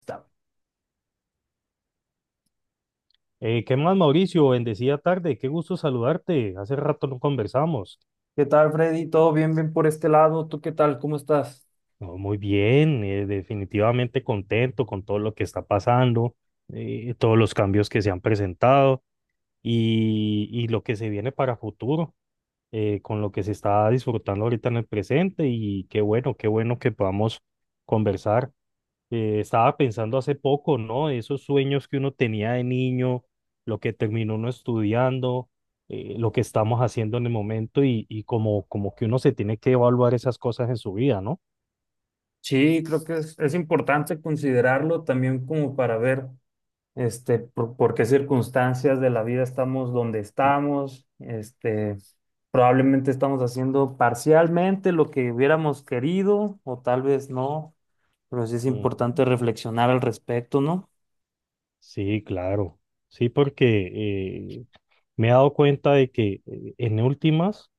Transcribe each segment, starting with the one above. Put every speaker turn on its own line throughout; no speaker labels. Está.
¿Qué más, Mauricio? Bendecida tarde, qué gusto saludarte. Hace rato no conversamos.
¿Qué tal, Freddy? ¿Todo bien, bien por este lado? ¿Tú qué tal? ¿Cómo estás?
No, muy bien, definitivamente contento con todo lo que está pasando, todos los cambios que se han presentado y lo que se viene para futuro, con lo que se está disfrutando ahorita en el presente y qué bueno que podamos conversar. Estaba pensando hace poco, ¿no? Esos sueños que uno tenía de niño, lo que terminó uno estudiando, lo que estamos haciendo en el momento y como, como que uno se tiene que evaluar esas cosas en su vida, ¿no?
Sí, creo que es importante considerarlo también como para ver por qué circunstancias de la vida estamos donde estamos. Este, probablemente estamos haciendo parcialmente lo que hubiéramos querido o tal vez no, pero sí es
Ujú.
importante reflexionar al respecto, ¿no?
Sí, claro. Sí, porque me he dado cuenta de que en últimas,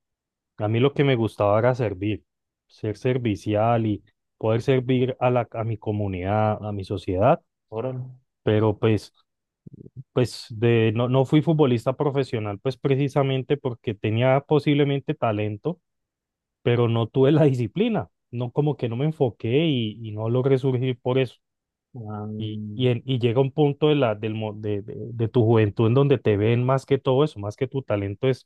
a mí lo que me gustaba era servir, ser servicial y poder servir a la, a mi comunidad, a mi sociedad,
Órale.
pero pues... Pues de, no, no fui futbolista profesional, pues precisamente porque tenía posiblemente talento, pero no tuve la disciplina, no como que no me enfoqué y no logré surgir por eso. Y, y,
Ah,
en- y llega un punto de, la, del, de tu juventud en donde te ven más que todo eso, más que tu talento es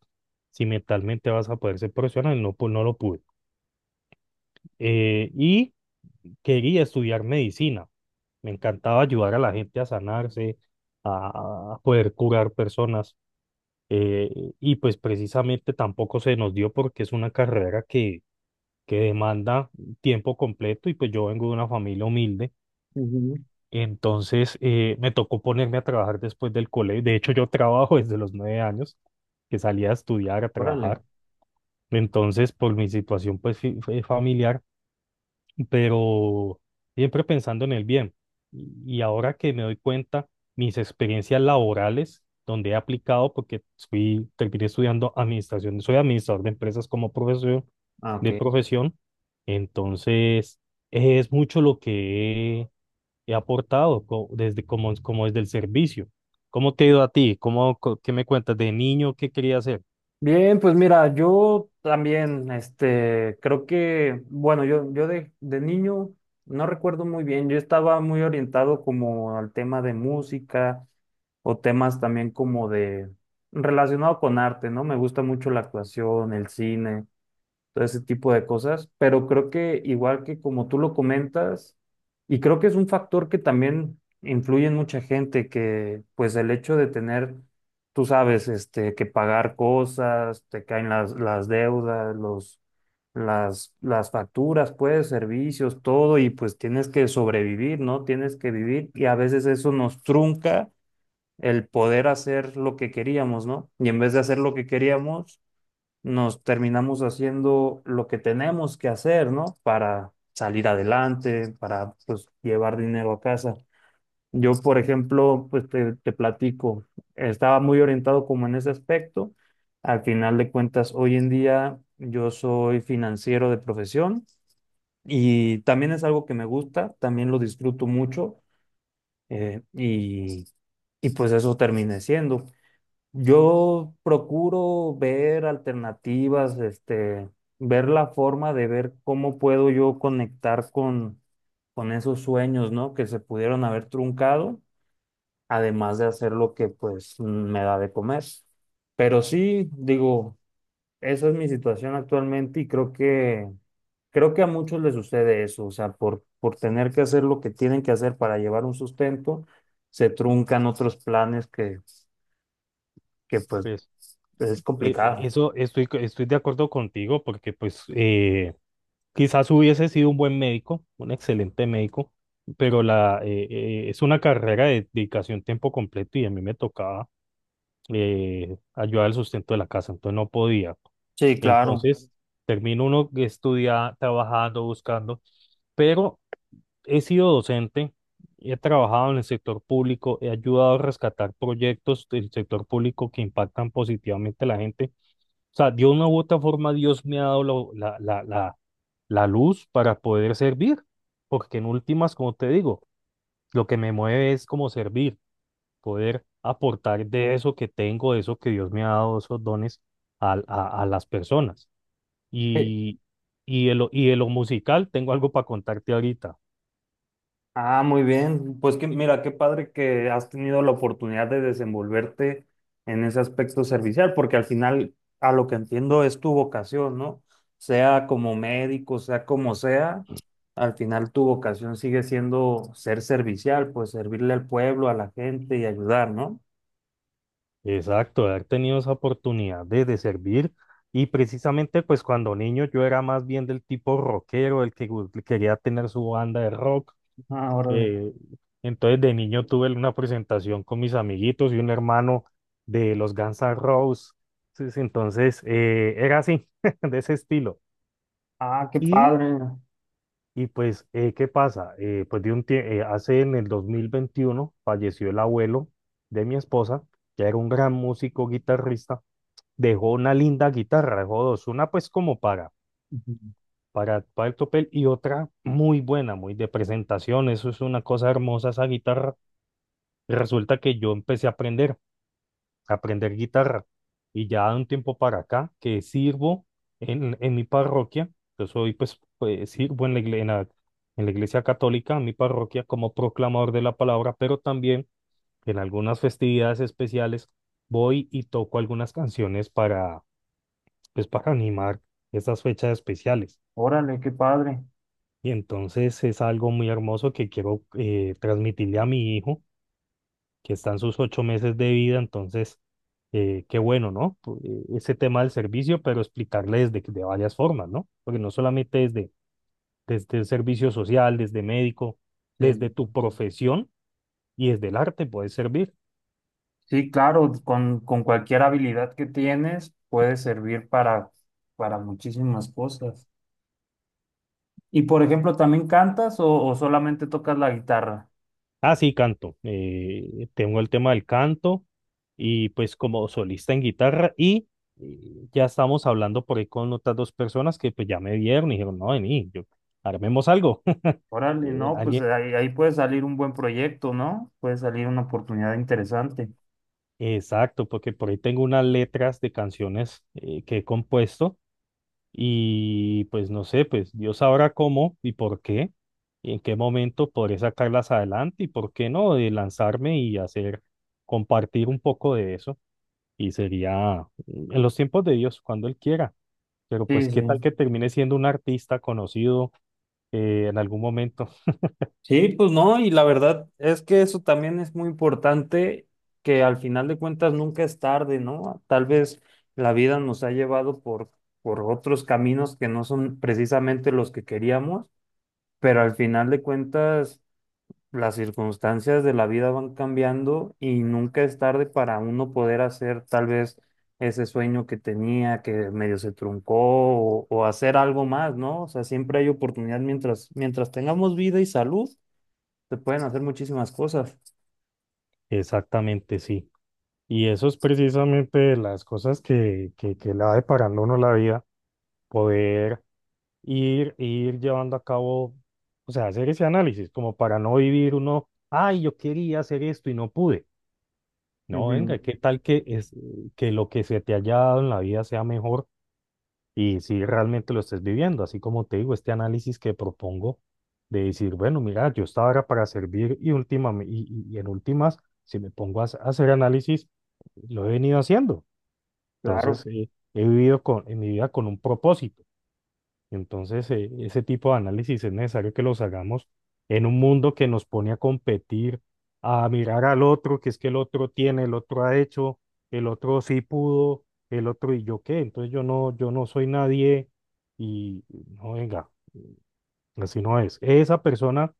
si mentalmente vas a poder ser profesional, y no, pues no lo pude. Y quería estudiar medicina, me encantaba ayudar a la gente a sanarse, a poder curar personas y pues precisamente tampoco se nos dio porque es una carrera que demanda tiempo completo y pues yo vengo de una familia humilde,
ujú.
entonces me tocó ponerme a trabajar después del colegio. De hecho, yo trabajo desde los 9 años, que salía a estudiar, a
Órale.
trabajar. Entonces, por mi situación pues fue familiar, pero siempre pensando en el bien. Y y ahora que me doy cuenta, mis experiencias laborales, donde he aplicado, porque fui, terminé estudiando administración, soy administrador de empresas como profesión,
Ah,
de
ok.
profesión, entonces es mucho lo que he, he aportado desde, como, como desde el servicio. ¿Cómo te ha ido a ti? ¿Cómo, qué me cuentas de niño? ¿Qué quería hacer?
Bien, pues mira, yo también, este, creo que, bueno, yo de niño no recuerdo muy bien, yo estaba muy orientado como al tema de música o temas también como de relacionado con arte, ¿no? Me gusta mucho la actuación, el cine, todo ese tipo de cosas, pero creo que igual que como tú lo comentas, y creo que es un factor que también influye en mucha gente, que pues el hecho de tener, tú sabes, este, que pagar cosas, te caen las deudas, los, las facturas, pues, servicios, todo, y pues tienes que sobrevivir, ¿no? Tienes que vivir, y a veces eso nos trunca el poder hacer lo que queríamos, ¿no? Y en vez de hacer lo que queríamos, nos terminamos haciendo lo que tenemos que hacer, ¿no? Para salir adelante, para pues llevar dinero a casa. Yo, por ejemplo, pues te platico, estaba muy orientado como en ese aspecto. Al final de cuentas, hoy en día yo soy financiero de profesión y también es algo que me gusta, también lo disfruto mucho, eh, y, y pues eso terminé siendo. Yo procuro ver alternativas, este, ver la forma de ver cómo puedo yo conectar con esos sueños, ¿no? Que se pudieron haber truncado, además de hacer lo que pues me da de comer. Pero sí, digo, esa es mi situación actualmente y creo que a muchos les sucede eso, o sea, por tener que hacer lo que tienen que hacer para llevar un sustento, se truncan otros planes que pues
Pues
es complicado.
eso estoy, estoy de acuerdo contigo porque pues... Quizás hubiese sido un buen médico, un excelente médico, pero la, es una carrera de dedicación tiempo completo y a mí me tocaba ayudar al sustento de la casa, entonces no podía.
Sí, claro.
Entonces termino uno estudiando, trabajando, buscando, pero he sido docente, he trabajado en el sector público, he ayudado a rescatar proyectos del sector público que impactan positivamente a la gente. O sea, de una u otra forma Dios me ha dado la luz para poder servir, porque en últimas, como te digo, lo que me mueve es como servir, poder aportar de eso que tengo, de eso que Dios me ha dado, esos dones a las personas.
Eh,
Y, y de lo musical, tengo algo para contarte ahorita.
Ah, muy bien. Pues que mira, qué padre que has tenido la oportunidad de desenvolverte en ese aspecto servicial, porque al final, a lo que entiendo, es tu vocación, ¿no? Sea como médico, sea como sea, al final tu vocación sigue siendo ser servicial, pues servirle al pueblo, a la gente y ayudar, ¿no?
Exacto, de haber tenido esa oportunidad de servir. Y precisamente, pues cuando niño yo era más bien del tipo rockero, el que quería tener su banda de rock.
Ah, órale.
Eh, entonces de niño tuve una presentación con mis amiguitos y un hermano de los Guns N' Roses. Entonces era así, de ese estilo.
Ah, qué
Y,
padre.
y ¿qué pasa? Hace en el 2021 falleció el abuelo de mi esposa, que era un gran músico guitarrista, dejó una linda guitarra, dejó dos, una pues como
Ujú.
para el topel y otra muy buena, muy de presentación. Eso es una cosa hermosa esa guitarra. Y resulta que yo empecé a aprender guitarra. Y ya de un tiempo para acá, que sirvo en mi parroquia, yo soy, pues, pues, sirvo en la, en la, en la iglesia católica, en mi parroquia, como proclamador de la palabra, pero también en algunas festividades especiales voy y toco algunas canciones para, pues, para animar estas fechas especiales.
Órale, qué padre.
Y entonces es algo muy hermoso que quiero transmitirle a mi hijo, que están sus 8 meses de vida. Entonces, qué bueno, ¿no? Ese tema del servicio, pero explicarle desde, de varias formas, ¿no? Porque no solamente desde, desde el servicio social, desde médico, desde
Sí.
tu profesión y desde el arte puedes servir.
Sí, claro, con cualquier habilidad que tienes puede servir para muchísimas cosas. Y por ejemplo, ¿también cantas o solamente tocas la guitarra?
Ah, sí, canto. Tengo el tema del canto y pues como solista en guitarra y... Ya estamos hablando por ahí con otras 2 personas que pues ya me vieron y dijeron, no, vení, yo, armemos algo.
Órale,
Eh,
no, pues
alguien,
ahí, ahí puede salir un buen proyecto, ¿no? Puede salir una oportunidad interesante.
Exacto, porque por ahí tengo unas letras de canciones que he compuesto y pues no sé, pues Dios sabrá cómo y por qué y en qué momento podré sacarlas adelante y por qué no, de lanzarme y hacer, compartir un poco de eso y sería en los tiempos de Dios, cuando Él quiera, pero pues
Sí,
qué tal
sí.
que termine siendo un artista conocido en algún momento.
Sí, pues no, y la verdad es que eso también es muy importante, que al final de cuentas nunca es tarde, ¿no? Tal vez la vida nos ha llevado por otros caminos que no son precisamente los que queríamos, pero al final de cuentas las circunstancias de la vida van cambiando y nunca es tarde para uno poder hacer tal vez ese sueño que tenía que medio se truncó o hacer algo más, ¿no? O sea, siempre hay oportunidad mientras, mientras tengamos vida y salud, se pueden hacer muchísimas cosas.
Exactamente, sí. Y eso es precisamente las cosas que le va deparando a uno la vida poder ir, ir llevando a cabo. O sea, hacer ese análisis, como para no vivir uno, ay, yo quería hacer esto y no pude. No,
Ujú,
venga, ¿qué tal que, es, que lo que se te haya dado en la vida sea mejor y si realmente lo estés viviendo? Así como te digo, este análisis que propongo de decir, bueno, mira, yo estaba ahora para servir y en últimas, si me pongo a a hacer análisis, lo he venido haciendo. Entonces,
claro.
he vivido con, en mi vida con un propósito. Entonces, ese tipo de análisis es necesario que los hagamos en un mundo que nos pone a competir, a mirar al otro, que es que el otro tiene, el otro ha hecho, el otro sí pudo, el otro y yo qué. Entonces yo no, yo no soy nadie y no venga, así no es. Esa persona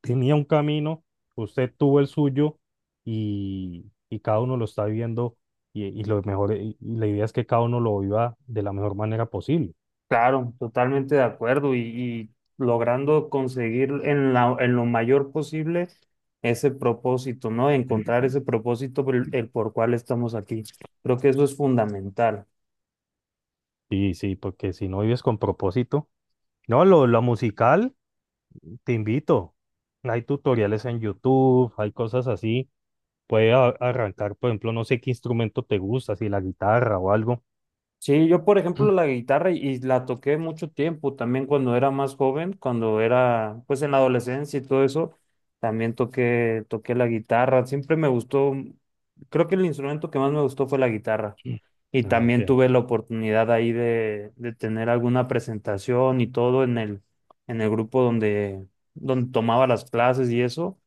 tenía un camino, usted tuvo el suyo y cada uno lo está viviendo y lo mejor, y la idea es que cada uno lo viva de la mejor manera posible.
Claro, totalmente de acuerdo y logrando conseguir en la, en lo mayor posible ese propósito, ¿no? Encontrar ese propósito por el por cual estamos aquí. Creo que eso es fundamental.
Sí, sí, porque si no vives con propósito. No, lo musical, te invito. Hay tutoriales en YouTube, hay cosas así. Puedes arrancar, por ejemplo, no sé qué instrumento te gusta, si la guitarra o algo.
Sí, yo por ejemplo la guitarra y la toqué mucho tiempo, también cuando era más joven, cuando era pues en la adolescencia y todo eso, también toqué, toqué la guitarra, siempre me gustó, creo que el instrumento que más me gustó fue la guitarra y
Ah, ok.
también tuve la oportunidad ahí de tener alguna presentación y todo en el grupo donde, donde tomaba las clases y eso.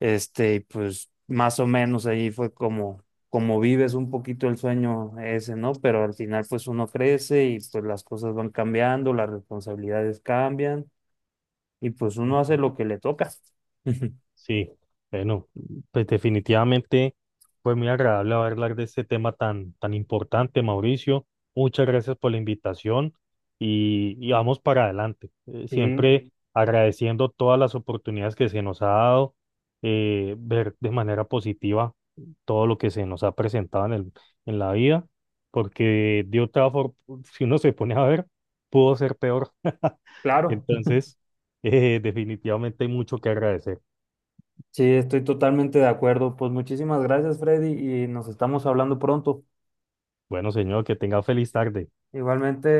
Este, y pues más o menos ahí fue como, como vives un poquito el sueño ese, ¿no? Pero al final pues uno crece y pues las cosas van cambiando, las responsabilidades cambian y pues uno hace
Ujú.
lo que le toca.
Sí, bueno, pues definitivamente fue muy agradable haber hablar de este tema tan, tan importante, Mauricio. Muchas gracias por la invitación y vamos para adelante.
Sí,
Siempre agradeciendo todas las oportunidades que se nos ha dado, ver de manera positiva todo lo que se nos ha presentado en el, en la vida, porque de otra forma, si uno se pone a ver, pudo ser peor.
claro.
Entonces, definitivamente hay mucho que agradecer.
Sí, estoy totalmente de acuerdo. Pues muchísimas gracias, Freddy, y nos estamos hablando pronto.
Bueno, señor, que tenga feliz tarde.
Igualmente.